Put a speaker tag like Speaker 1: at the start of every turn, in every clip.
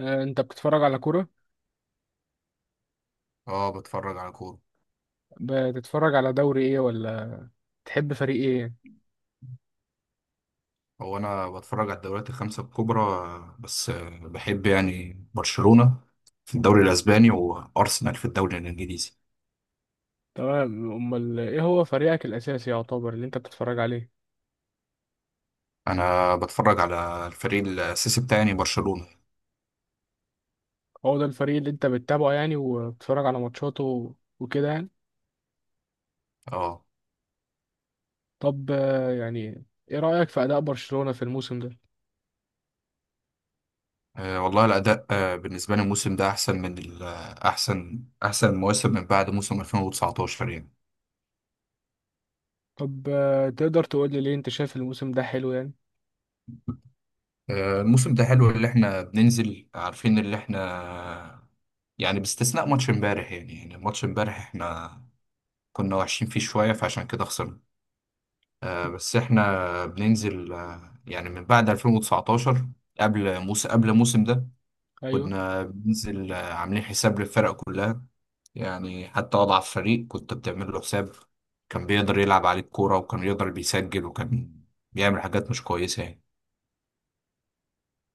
Speaker 1: انت بتتفرج على كورة؟
Speaker 2: اه بتفرج على كورة.
Speaker 1: بتتفرج على دوري ايه ولا تحب فريق ايه؟
Speaker 2: هو انا بتفرج على الدوريات 5 الكبرى، آه، بس آه، بحب يعني برشلونة في الدوري الاسباني وارسنال في الدوري الانجليزي.
Speaker 1: تمام، امال ايه هو فريقك الاساسي يعتبر اللي انت بتتفرج عليه؟
Speaker 2: انا بتفرج على الفريق الاساسي بتاعي يعني برشلونة.
Speaker 1: هو ده الفريق اللي انت بتتابعه يعني، وبتتفرج على ماتشاته وكده يعني؟
Speaker 2: اه.
Speaker 1: طب يعني، ايه رأيك في اداء برشلونة في الموسم ده؟
Speaker 2: والله الاداء، بالنسبة لي الموسم ده احسن من احسن مواسم من بعد موسم 2019 يعني.
Speaker 1: طب تقدر تقول لي ليه انت شايف الموسم ده حلو يعني؟
Speaker 2: الموسم ده حلو اللي احنا بننزل عارفين اللي احنا يعني، باستثناء ماتش امبارح يعني ماتش امبارح احنا كنا وحشين فيه شوية فعشان كده خسرنا. آه بس احنا بننزل آه يعني من بعد 2019، قبل الموسم ده
Speaker 1: ايوه.
Speaker 2: كنا بننزل آه عاملين حساب للفرق كلها. يعني حتى أضعف فريق كنت بتعمل له حساب، كان بيقدر يلعب عليه الكورة وكان بيقدر بيسجل وكان بيعمل حاجات مش كويسة يعني.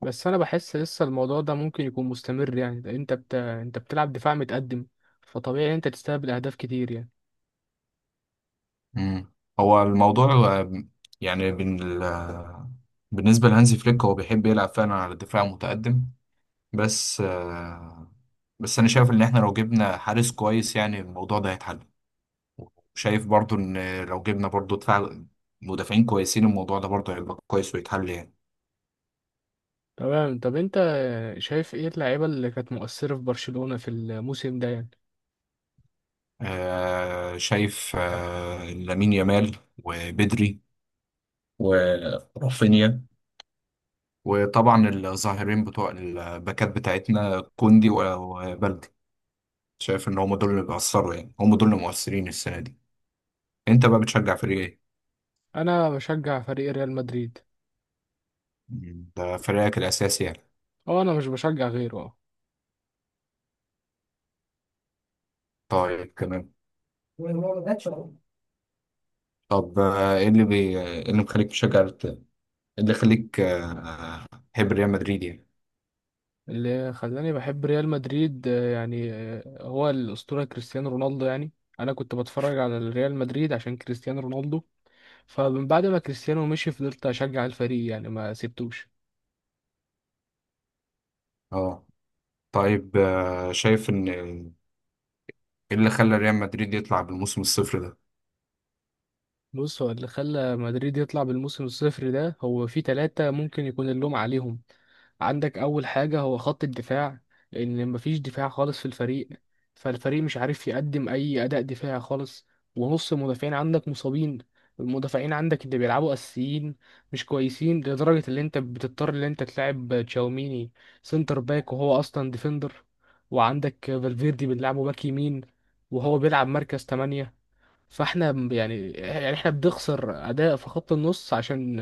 Speaker 1: بس انا بحس لسه الموضوع ده ممكن يكون مستمر يعني، ده انت انت بتلعب دفاع متقدم، فطبيعي انت تستقبل اهداف كتير يعني.
Speaker 2: مم. هو الموضوع آه، يعني بن ال- آه، بالنسبة لهانزي فليك هو بيحب يلعب فعلا على الدفاع المتقدم. بس آه، بس انا شايف ان احنا لو جبنا حارس كويس يعني الموضوع ده هيتحل، وشايف برضو ان لو جبنا برضو مدافعين كويسين الموضوع ده برضو هيبقى كويس ويتحل يعني.
Speaker 1: تمام، طب انت شايف ايه اللعيبة اللي كانت مؤثرة في برشلونة في الموسم ده يعني؟
Speaker 2: شايف، لامين يامال وبدري ورافينيا، وطبعا الظاهرين بتوع الباكات بتاعتنا كوندي وبلدي. شايف ان هم دول اللي بيأثروا، يعني هم دول اللي مؤثرين السنة دي. انت بقى بتشجع فريق ايه؟
Speaker 1: انا بشجع فريق ريال مدريد.
Speaker 2: ده فريقك الأساسي يعني.
Speaker 1: او انا مش بشجع غيره، اه.
Speaker 2: طيب تمام. طب آه، ايه اللي مخليك تشجع الت- إيه اللي يخليك آه، تحب ريال مدريد يعني.
Speaker 1: اللي خلاني بحب ريال مدريد يعني هو الأسطورة كريستيانو رونالدو يعني. انا كنت بتفرج على ريال مدريد عشان كريستيانو رونالدو، فمن بعد ما كريستيانو مشي فضلت اشجع الفريق يعني، ما سبتوش.
Speaker 2: اه. طيب، شايف ان، ايه اللي خلى ريال مدريد يطلع بالموسم الصفر ده.
Speaker 1: بص، هو اللي خلى مدريد يطلع بالموسم الصفر ده هو في ثلاثة ممكن يكون اللوم عليهم. عندك أول حاجة هو خط الدفاع، لأن مفيش دفاع خالص في الفريق، فالفريق مش عارف يقدم أي أداء دفاعي خالص، ونص المدافعين عندك مصابين، المدافعين عندك اللي بيلعبوا أساسيين مش كويسين لدرجة اللي أنت بتضطر اللي أنت تلعب تشاوميني سنتر باك وهو أصلا ديفندر، وعندك فالفيردي بنلعبه باك يمين وهو بيلعب مركز 8. فاحنا يعني احنا بنخسر اداء في خط النص عشان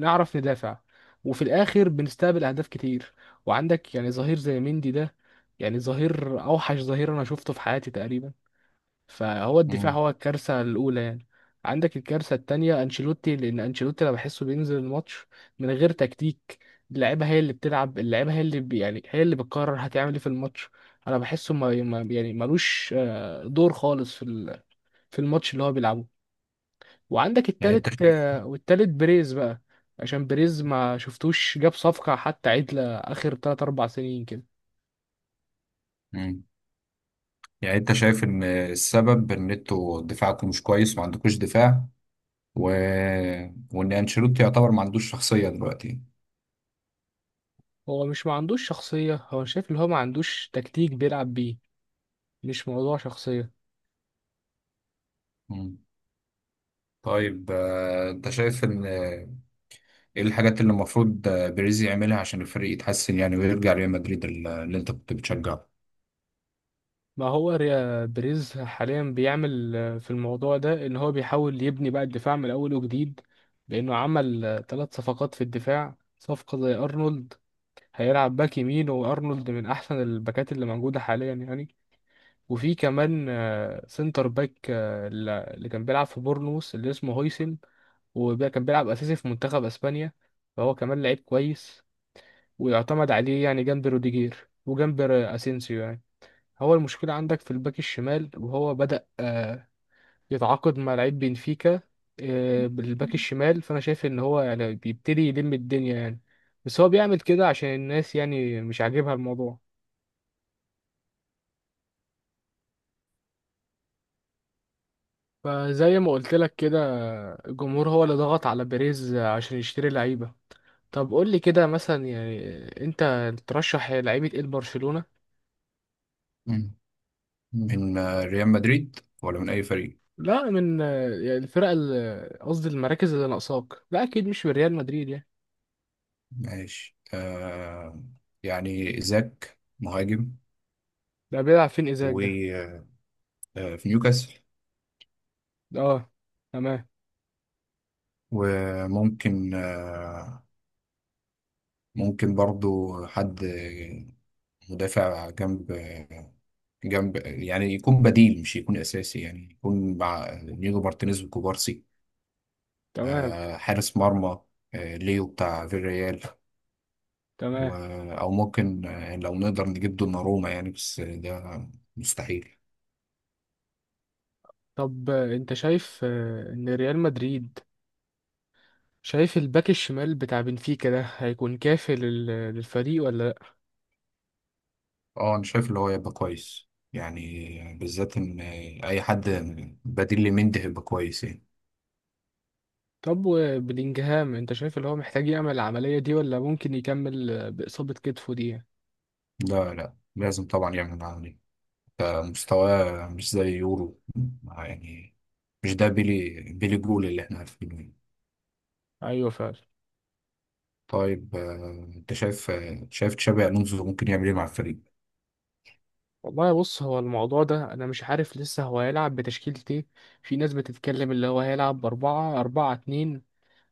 Speaker 1: نعرف ندافع، وفي الاخر بنستقبل اهداف كتير، وعندك يعني ظهير زي مندي ده، يعني ظهير اوحش ظهير انا شفته في حياتي تقريبا، فهو الدفاع
Speaker 2: مم.
Speaker 1: هو الكارثه الاولى يعني. عندك الكارثه التانية انشيلوتي، لان انشيلوتي انا بحسه بينزل الماتش من غير تكتيك، اللعيبه هي اللي بتلعب، اللعيبه هي اللي يعني هي اللي بتقرر هتعمل ايه في الماتش. انا بحسه يعني ملوش دور خالص في الماتش اللي هو بيلعبه. وعندك
Speaker 2: يعني
Speaker 1: التالت
Speaker 2: انت شايف.
Speaker 1: والتالت بريز بقى، عشان بريز ما شفتوش جاب صفقة حتى عدلة آخر 3 4 سنين كده.
Speaker 2: مم. يعني انت شايف ان السبب ان انتوا دفاعكم مش كويس، ما عندكوش دفاع، و... وان انشيلوتي يعتبر ما عندوش شخصية دلوقتي.
Speaker 1: هو مش ما عندوش شخصية، هو شايف اللي هو ما عندوش تكتيك بيلعب بيه، مش موضوع شخصية.
Speaker 2: مم. طيب، انت شايف ان، ايه الحاجات اللي المفروض بيريز يعملها عشان الفريق يتحسن يعني، ويرجع ريال مدريد اللي انت كنت بتشجعه.
Speaker 1: ما هو بريز حاليا بيعمل في الموضوع ده ان هو بيحاول يبني بقى الدفاع من اول وجديد، لانه عمل ثلاث صفقات في الدفاع، صفقة زي ارنولد هيلعب باك يمين، وارنولد من احسن الباكات اللي موجودة حاليا يعني. وفي كمان سنتر باك اللي كان بيلعب في بورنموث اللي اسمه هويسن، وكان بيلعب أساسي في منتخب أسبانيا، فهو كمان لعيب كويس ويعتمد عليه يعني، جنب روديجير وجنب أسينسيو يعني. هو المشكلة عندك في الباك الشمال، وهو بدأ يتعاقد مع لعيب بنفيكا بالباك الشمال، فأنا شايف إن هو يعني بيبتدي يلم الدنيا يعني. بس هو بيعمل كده عشان الناس يعني مش عاجبها الموضوع، فزي ما قلت لك كده، الجمهور هو اللي ضغط على بيريز عشان يشتري لعيبة. طب قول لي كده مثلا يعني، انت ترشح لعيبة ايه لبرشلونة؟
Speaker 2: مم. من، ريال مدريد ولا من أي فريق؟
Speaker 1: لا من يعني قصدي المراكز اللي ناقصاك، لا اكيد مش من ريال مدريد يعني.
Speaker 2: ماشي آه. يعني إيزاك مهاجم،
Speaker 1: ده بيلعب فين ايزاك ده؟
Speaker 2: وفي نيوكاسل.
Speaker 1: اه، تمام،
Speaker 2: وممكن آه، ممكن برضو حد مدافع، جنب يعني يكون بديل مش يكون أساسي، يعني يكون مع نيجو مارتينيز وكوبارسي.
Speaker 1: تمام،
Speaker 2: آه حارس مرمى، آه ليو بتاع فيريال. و...
Speaker 1: تمام.
Speaker 2: او ممكن، لو نقدر نجيب دوناروما يعني، بس ده مستحيل.
Speaker 1: طب انت شايف ان ريال مدريد، شايف الباك الشمال بتاع بنفيكا ده هيكون كافي للفريق ولا؟
Speaker 2: اه انا شايف اللي هو يبقى كويس يعني، بالذات ان اي حد بديل لمندي هيبقى كويس يعني.
Speaker 1: طب وبلينجهام، انت شايف اللي هو محتاج يعمل العملية دي ولا ممكن يكمل بإصابة كتفه دي؟
Speaker 2: لا لازم طبعا يعمل معاه دي. مستواه مش زي يورو، يعني مش ده بيلي بيلي جول اللي احنا عارفينه يعني.
Speaker 1: ايوه فعلا.
Speaker 2: طيب، انت شايف، شايف تشابي الونزو ممكن يعمل ايه مع الفريق.
Speaker 1: والله بص، هو الموضوع ده انا مش عارف لسه هو هيلعب بتشكيلة ايه، في ناس بتتكلم اللي هو هيلعب بأربعة أربعة اتنين،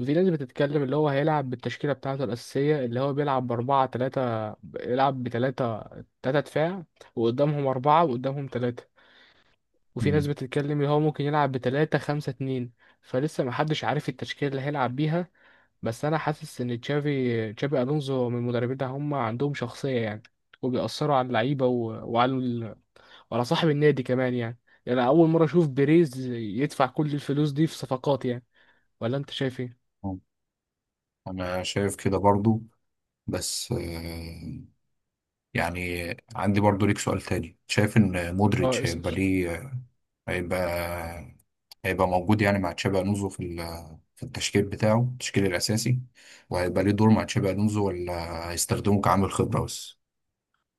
Speaker 1: وفي ناس بتتكلم اللي هو هيلعب بالتشكيلة بتاعته الأساسية اللي هو بيلعب بأربعة تلاتة بيلعب بتلاتة، تلاتة دفاع وقدامهم أربعة وقدامهم تلاتة، وفي ناس
Speaker 2: مم.
Speaker 1: بتتكلم اللي هو ممكن يلعب بتلاتة خمسة اتنين، فلسه محدش عارف التشكيلة اللي هيلعب بيها. بس انا حاسس ان تشافي الونزو من المدربين ده هم عندهم شخصيه يعني، وبيأثروا على اللعيبه وعلى ال... وعلى صاحب النادي كمان يعني، يعني أنا اول مره اشوف بيريز يدفع كل الفلوس دي في صفقات يعني، ولا انت شايف ايه؟
Speaker 2: انا شايف كده برضو، بس آه، يعني عندي برضو ليك سؤال تاني، شايف ان
Speaker 1: اه،
Speaker 2: مودريتش
Speaker 1: اسأل.
Speaker 2: هيبقى ليه، هيبقى هيبقى موجود يعني مع تشابي الونزو في التشكيل بتاعه التشكيل الاساسي، وهيبقى ليه دور مع تشابي الونزو ولا هيستخدمه كعامل خبرة بس.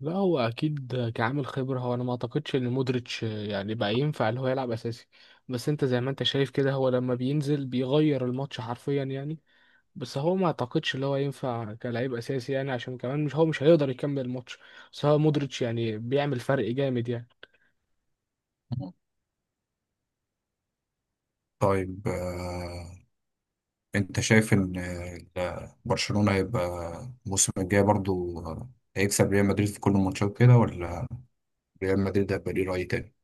Speaker 1: لا، هو اكيد كعامل خبره، هو انا ما اعتقدش ان مودريتش يعني بقى ينفع اللي هو يلعب اساسي، بس انت زي ما انت شايف كده هو لما بينزل بيغير الماتش حرفيا يعني، بس هو ما اعتقدش اللي هو ينفع كلاعب اساسي يعني، عشان كمان مش هيقدر يكمل الماتش، بس هو مودريتش يعني بيعمل فرق جامد يعني.
Speaker 2: مم. طيب، انت شايف ان، برشلونة هيبقى الموسم الجاي برضو، هيكسب ريال مدريد في كل الماتشات كده، ولا ريال مدريد هيبقى ليه رأي تاني.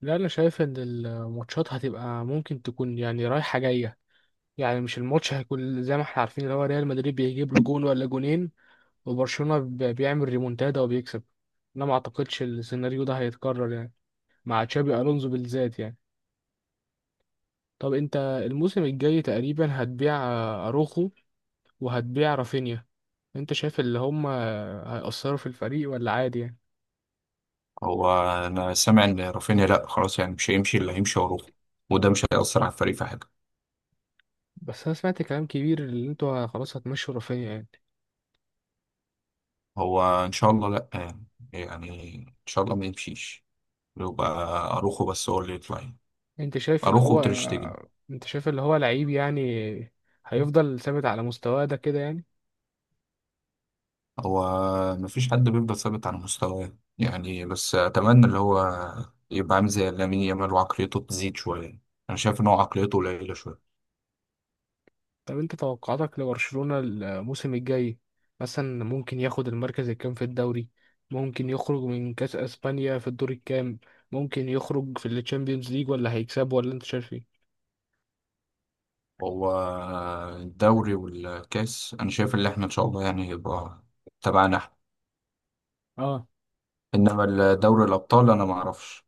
Speaker 1: لا، انا شايف ان الماتشات هتبقى ممكن تكون يعني رايحة جاية، يعني مش الماتش هيكون زي ما احنا عارفين اللي هو ريال مدريد بيجيب له جون ولا جونين، وبرشلونة بيعمل ريمونتادا وبيكسب، انا ما اعتقدش السيناريو ده هيتكرر يعني، مع تشابي الونزو بالذات يعني. طب انت الموسم الجاي تقريبا هتبيع اروخو وهتبيع رافينيا، انت شايف اللي هم هيأثروا في الفريق ولا عادي يعني؟
Speaker 2: هو انا سامع ان رافينيا لا خلاص يعني مش هيمشي، اللي هيمشي وروح، وده مش هيأثر على الفريق في حاجه.
Speaker 1: بس انا سمعت كلام كبير اللي انتوا خلاص هتمشوا رافينيا يعني.
Speaker 2: هو ان شاء الله لا يعني، يعني ان شاء الله ما يمشيش،
Speaker 1: و-
Speaker 2: يبقى اروخو بس هو اللي يطلع يعني.
Speaker 1: انت شايف اللي
Speaker 2: اروخو
Speaker 1: هو
Speaker 2: وتريشتجن.
Speaker 1: انت شايف اللي هو لعيب يعني، هيفضل ثابت على مستواه ده كده يعني؟
Speaker 2: هو ما فيش حد بيفضل ثابت على مستواه يعني، بس اتمنى اللي هو يبقى عامل زي لامين يامال وعقليته تزيد شويه. انا شايف ان هو عقليته قليله شويه.
Speaker 1: طب انت توقعاتك لبرشلونة الموسم الجاي، مثلا ممكن ياخد المركز الكام في الدوري؟ ممكن يخرج من كأس اسبانيا في الدور الكام؟ ممكن يخرج في الشامبيونز ليج ولا هيكسب ولا انت شايف ايه؟
Speaker 2: هو الدوري والكاس انا شايف ان احنا ان شاء الله يعني يبقى تبعنا احنا.
Speaker 1: اه.
Speaker 2: انما دوري الابطال انا ما اعرفش.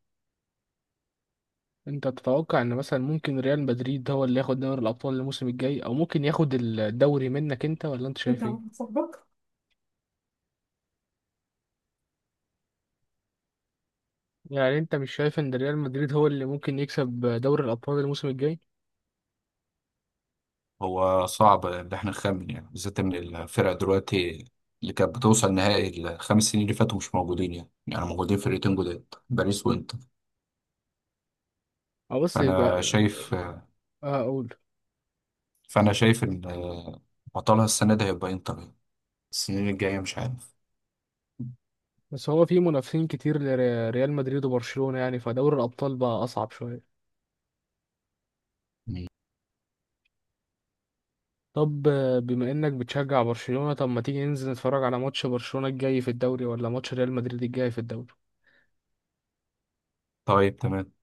Speaker 1: انت تتوقع ان مثلا ممكن ريال مدريد هو اللي ياخد دوري الابطال الموسم الجاي، او ممكن ياخد الدوري منك انت، ولا انت
Speaker 2: انت
Speaker 1: شايف ايه؟
Speaker 2: واحد صاحبك.
Speaker 1: يعني انت مش شايف ان ريال مدريد هو اللي ممكن يكسب دوري الابطال الموسم الجاي؟
Speaker 2: هو صعب ان احنا نخمن يعني، بالذات ان الفرق دلوقتي اللي كانت بتوصل نهائي 5 سنين اللي فاتوا مش موجودين، يعني موجودين فرقتين جداد باريس وانتر.
Speaker 1: او بس يبقى،
Speaker 2: فانا شايف
Speaker 1: اه، اقول.
Speaker 2: فانا شايف ان بطلها السنه دي هيبقى انتر يعني. السنين الجايه مش عارف.
Speaker 1: بس هو في منافسين كتير لريال مدريد وبرشلونة يعني، فدوري الابطال بقى اصعب شوية.
Speaker 2: مم.
Speaker 1: طب بما انك بتشجع برشلونة، طب ما تيجي ننزل نتفرج على ماتش برشلونة الجاي في الدوري ولا ماتش ريال مدريد الجاي في الدوري؟
Speaker 2: طيب تمام.